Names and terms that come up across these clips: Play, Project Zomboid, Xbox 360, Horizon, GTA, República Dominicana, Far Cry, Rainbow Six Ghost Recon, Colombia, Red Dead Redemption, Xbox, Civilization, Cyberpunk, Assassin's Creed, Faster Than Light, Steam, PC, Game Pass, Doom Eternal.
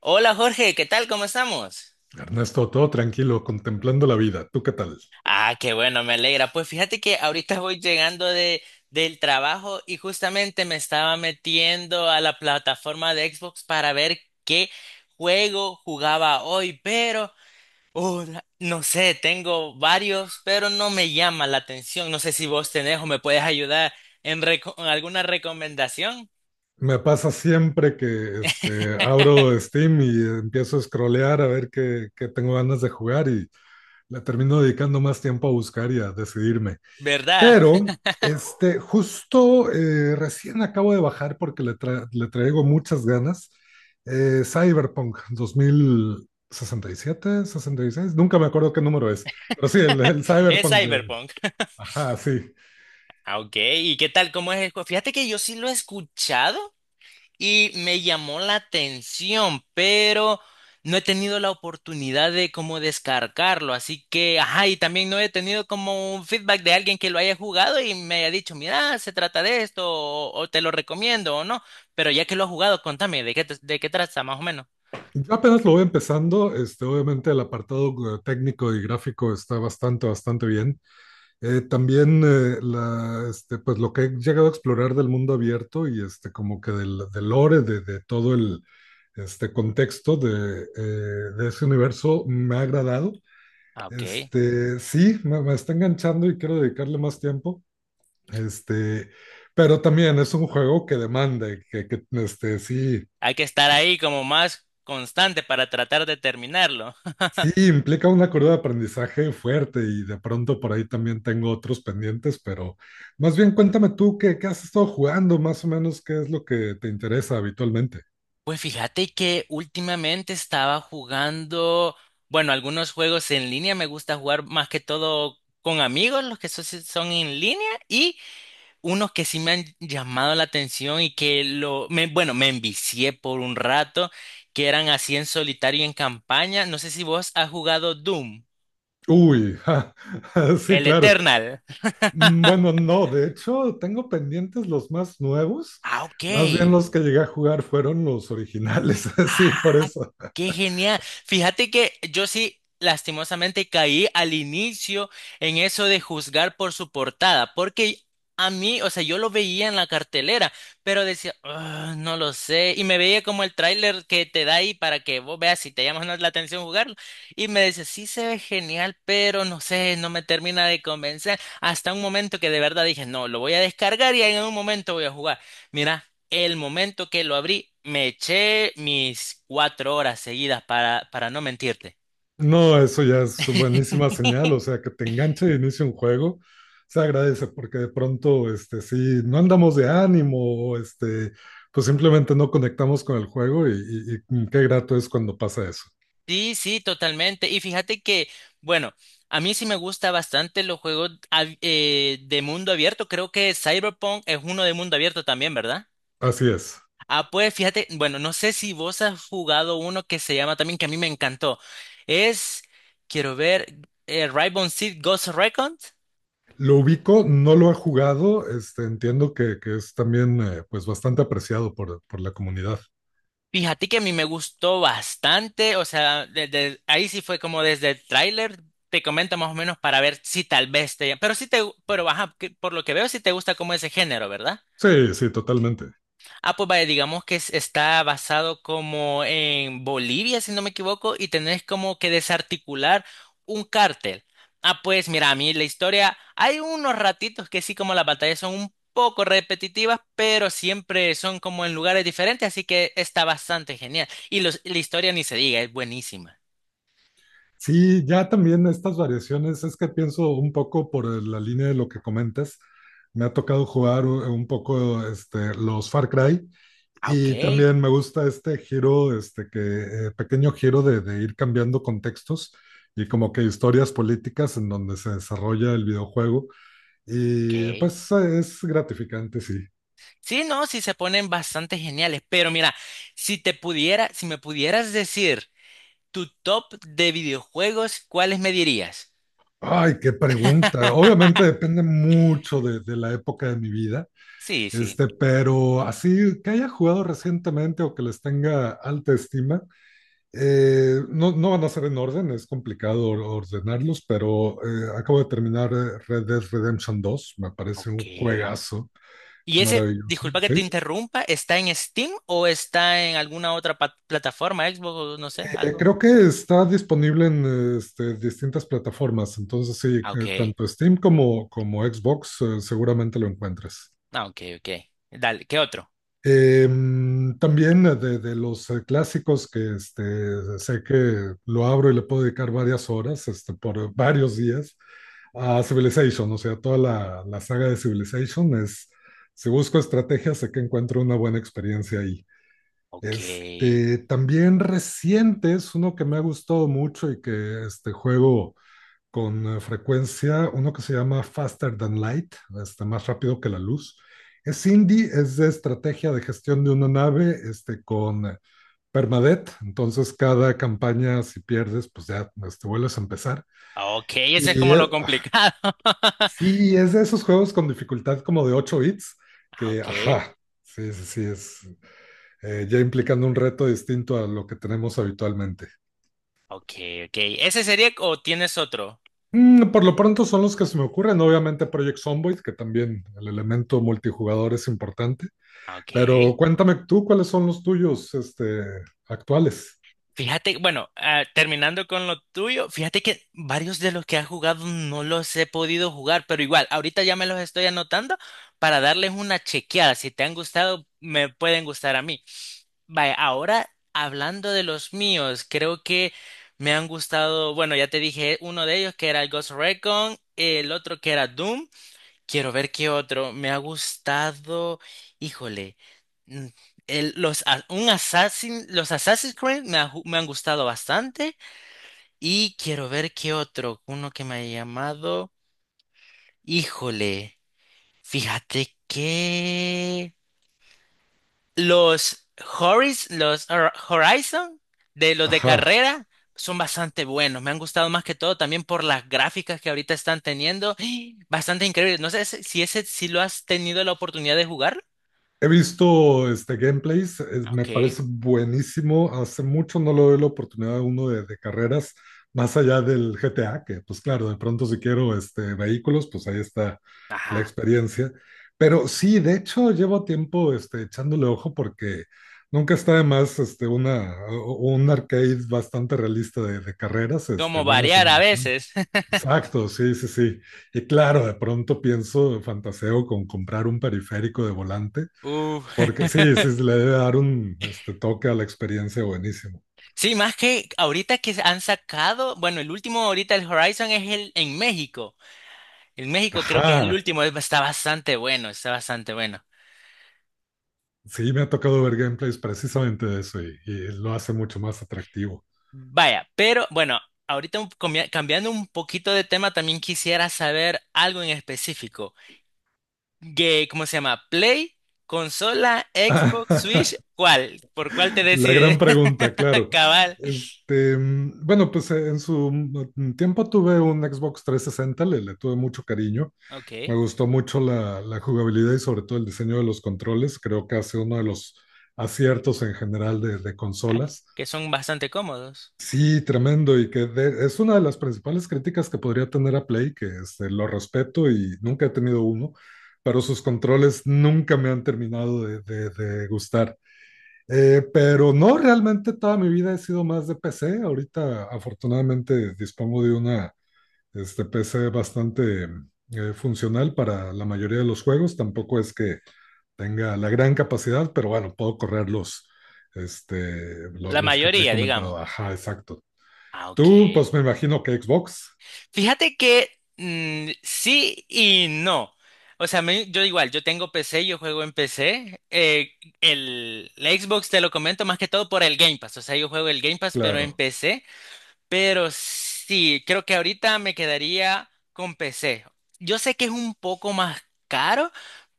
Hola Jorge, ¿qué tal? ¿Cómo estamos? Ernesto, todo tranquilo, contemplando la vida. ¿Tú qué tal? Ah, qué bueno, me alegra. Pues fíjate que ahorita voy llegando del trabajo y justamente me estaba metiendo a la plataforma de Xbox para ver qué juego jugaba hoy, pero no sé, tengo varios, pero no me llama la atención. No sé si vos tenés o me puedes ayudar en alguna recomendación, Me pasa siempre que abro Steam y empiezo a scrollear a ver qué tengo ganas de jugar y le termino dedicando más tiempo a buscar y a decidirme. ¿verdad? Pero justo recién acabo de bajar porque le traigo muchas ganas. Cyberpunk 2067, 66, nunca me acuerdo qué número es, pero sí, el Es Cyberpunk de... Cyberpunk. Ajá, sí. Ah, ok, ¿y qué tal? ¿Cómo es el juego? Fíjate que yo sí lo he escuchado y me llamó la atención, pero no he tenido la oportunidad de como descargarlo, así que, ajá, y también no he tenido como un feedback de alguien que lo haya jugado y me haya dicho, mira, se trata de esto, o te lo recomiendo o no, pero ya que lo has jugado, contame, ¿de qué trata más o menos? Yo apenas lo voy empezando, obviamente el apartado técnico y gráfico está bastante, bastante bien. Pues lo que he llegado a explorar del mundo abierto y como que del lore, de todo el contexto de ese universo me ha agradado. Ah, ok. Sí, me está enganchando y quiero dedicarle más tiempo. Este, pero también es un juego que demanda, y que sí. Hay que estar ahí como más constante para tratar de terminarlo. Sí, implica una curva de aprendizaje fuerte y de pronto por ahí también tengo otros pendientes, pero más bien cuéntame tú qué has estado jugando, más o menos qué es lo que te interesa habitualmente. Pues fíjate que últimamente estaba jugando, bueno, algunos juegos en línea, me gusta jugar más que todo con amigos, los que son en línea, y unos que sí me han llamado la atención y bueno, me envicié por un rato, que eran así en solitario y en campaña. No sé si vos has jugado Doom, Uy, ja, sí, el claro. Eternal. Mm, bueno, no, de hecho tengo pendientes los más nuevos, Ah, ok. más bien los que llegué a jugar fueron los originales, sí, por Ah, eso. qué genial. Fíjate que yo sí, lastimosamente, caí al inicio en eso de juzgar por su portada, porque a mí, o sea, yo lo veía en la cartelera, pero decía, "Ah, no lo sé", y me veía como el tráiler que te da ahí para que vos veas si te llama o no la atención jugarlo, y me decía, sí se ve genial, pero no sé, no me termina de convencer, hasta un momento que de verdad dije, no, lo voy a descargar y en un momento voy a jugar. Mira. El momento que lo abrí, me eché mis cuatro horas seguidas para no mentirte. No, eso ya es buenísima señal, o sea, que te enganche de inicio un juego, se agradece porque de pronto, sí, no andamos de ánimo, o, este, pues simplemente no conectamos con el juego y qué grato es cuando pasa eso. Sí, sí, totalmente. Y fíjate que, bueno, a mí sí me gusta bastante los juegos de mundo abierto. Creo que Cyberpunk es uno de mundo abierto también, ¿verdad? Así es. Ah, pues fíjate, bueno, no sé si vos has jugado uno que se llama también, que a mí me encantó. Es, quiero ver, Rainbow Six Ghost Recon. Lo ubico, no lo ha jugado, entiendo que es también, pues, bastante apreciado por la comunidad. Fíjate que a mí me gustó bastante, o sea, desde ahí sí fue como desde el tráiler, te comento más o menos para ver si tal vez te, pero sí te, pero ajá, que por lo que veo sí te gusta como ese género, ¿verdad? Sí, sí, totalmente. Ah, pues vaya, digamos que está basado como en Bolivia, si no me equivoco, y tenés como que desarticular un cártel. Ah, pues mira, a mí la historia, hay unos ratitos que sí como las batallas son un poco repetitivas, pero siempre son como en lugares diferentes, así que está bastante genial. Y los, la historia ni se diga, es buenísima. Sí, ya también estas variaciones, es que pienso un poco la línea de lo que comentas. Me ha tocado jugar un poco los Far Cry Ah, ok, y también me gusta este giro, pequeño giro de ir cambiando contextos y como que historias políticas en donde se desarrolla el videojuego. Y ok. pues es gratificante, sí. Sí, no, sí se ponen bastante geniales, pero mira, si te pudiera, si me pudieras decir… Tu top de videojuegos, ¿cuáles me dirías? Ay, qué pregunta. Obviamente depende mucho de la época de mi vida. Sí, sí. Pero así que haya jugado recientemente o que les tenga alta estima, no, no van a ser en orden, es complicado ordenarlos, pero acabo de terminar Red Dead Redemption 2. Me parece Ok. un juegazo, es ¿Y ese, maravilloso, disculpa que te ¿sí? interrumpa, está en Steam o está en alguna otra plataforma, Xbox o no sé, algo? Creo que está disponible en distintas plataformas, entonces sí, Ah, ok. tanto Steam como Xbox seguramente lo encuentres. Ah, ok, ok. Dale, ¿qué otro? También de los clásicos que sé que lo abro y le puedo dedicar varias horas, por varios días, a Civilization, o sea, toda la saga de Civilization es, si busco estrategias, sé que encuentro una buena experiencia ahí. Ok. También reciente es uno que me ha gustado mucho y que este juego con frecuencia uno que se llama Faster Than Light, más rápido que la luz. Es indie, es de estrategia de gestión de una nave con permadeath, entonces cada campaña si pierdes pues ya vuelves a empezar. Ah, ok, ese es Y como lo complicado. sí, es de esos juegos con dificultad como de 8 bits, Ah, que ok, ajá, sí, sí, sí, es ya implicando un reto distinto a lo que tenemos habitualmente. ok, ok. ¿Ese sería o tienes otro? Por lo pronto son los que se me ocurren, obviamente Project Zomboid, que también el elemento multijugador es importante, Ah, ok. pero cuéntame tú cuáles son los tuyos, actuales. Fíjate, bueno, ah, terminando con lo tuyo, fíjate que varios de los que has jugado no los he podido jugar, pero igual, ahorita ya me los estoy anotando para darles una chequeada. Si te han gustado, me pueden gustar a mí. Vaya, ahora hablando de los míos, creo que me han gustado, bueno, ya te dije uno de ellos que era el Ghost Recon, el otro que era Doom. Quiero ver qué otro. Me ha gustado. Híjole. mm, los Assassin's Creed me han gustado bastante. Y quiero ver qué otro. Uno que me ha llamado. Híjole. Fíjate que. Los Horis, los Horizon, de los de Ajá. carrera, son bastante buenos. Me han gustado más que todo también por las gráficas que ahorita están teniendo. Bastante increíble. No sé si ese si lo has tenido la oportunidad de jugar. He visto gameplays, me Ok. parece buenísimo. Hace mucho no le doy la oportunidad a uno de carreras, más allá del GTA, que pues claro, de pronto si quiero vehículos, pues ahí está la Ajá. experiencia. Pero sí, de hecho, llevo tiempo echándole ojo porque nunca está de más un arcade bastante realista de carreras, Como buena variar a simulación. veces. Exacto, sí, sí, sí. Y claro, de pronto pienso, fantaseo con comprar un periférico de volante Uh, porque sí, sí, sí, le debe dar un toque a la experiencia buenísimo. sí, más que ahorita que han sacado, bueno, el último ahorita el Horizon es el en México. En México creo que es el Ajá, último, está bastante bueno, está bastante bueno. sí, me ha tocado ver gameplays precisamente de eso y lo hace mucho más atractivo. Vaya, pero bueno, ahorita cambiando un poquito de tema, también quisiera saber algo en específico. Que, ¿cómo se llama? Play, consola, Xbox, Switch, ¿cuál? ¿Por cuál te La gran decides? pregunta, claro. Cabal. Bueno, pues en su tiempo tuve un Xbox 360, le tuve mucho cariño. Me Ok. gustó mucho la jugabilidad y sobre todo el diseño de los controles. Creo que ha sido uno de los aciertos en general de Ah, consolas. que son bastante cómodos. Sí, tremendo, y que es una de las principales críticas que podría tener a Play, que lo respeto y nunca he tenido uno, pero sus controles nunca me han terminado de gustar. Pero no, realmente toda mi vida he sido más de PC. Ahorita afortunadamente dispongo de una PC bastante funcional para la mayoría de los juegos. Tampoco es que tenga la gran capacidad, pero bueno, puedo correr los, La los que te he mayoría, digamos. comentado. Ajá, exacto. Ah, ok. Tú, pues me imagino que Xbox, Fíjate que sí y no. O sea, yo igual, yo tengo PC, yo juego en PC. La Xbox te lo comento más que todo por el Game Pass. O sea, yo juego el Game Pass, pero en claro, PC. Pero sí, creo que ahorita me quedaría con PC. Yo sé que es un poco más caro,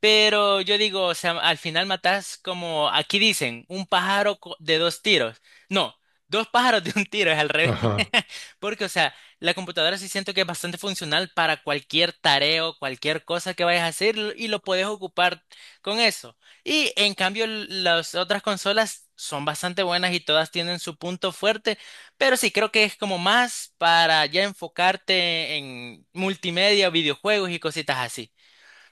pero yo digo, o sea, al final matas como aquí dicen, un pájaro de dos tiros. No, dos pájaros de un tiro, es al revés. ajá, Porque, o sea, la computadora sí siento que es bastante funcional para cualquier tarea o cualquier cosa que vayas a hacer y lo puedes ocupar con eso. Y en cambio, las otras consolas son bastante buenas y todas tienen su punto fuerte, pero sí creo que es como más para ya enfocarte en multimedia, videojuegos y cositas así.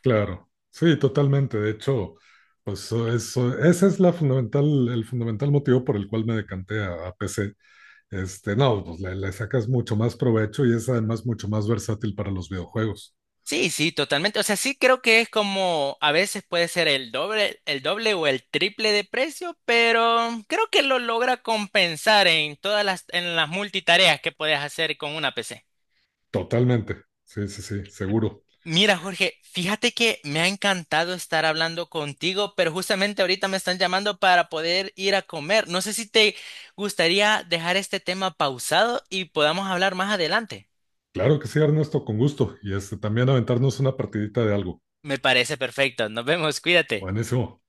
claro, sí, totalmente. De hecho, pues eso, ese es la fundamental, el fundamental motivo por el cual me decanté a PC. No, pues le sacas mucho más provecho y es además mucho más versátil para los videojuegos. Sí, sí, totalmente. O sea, sí creo que es como a veces puede ser el doble o el triple de precio, pero creo que lo logra compensar en todas las, en las multitareas que puedes hacer con una PC. Totalmente, sí, sí, sí, seguro. Mira, Jorge, fíjate que me ha encantado estar hablando contigo, pero justamente ahorita me están llamando para poder ir a comer. No sé si te gustaría dejar este tema pausado y podamos hablar más adelante. Claro que sí, Ernesto, con gusto. Y también aventarnos una partidita de algo. Me parece perfecto. Nos vemos, cuídate. Buenísimo.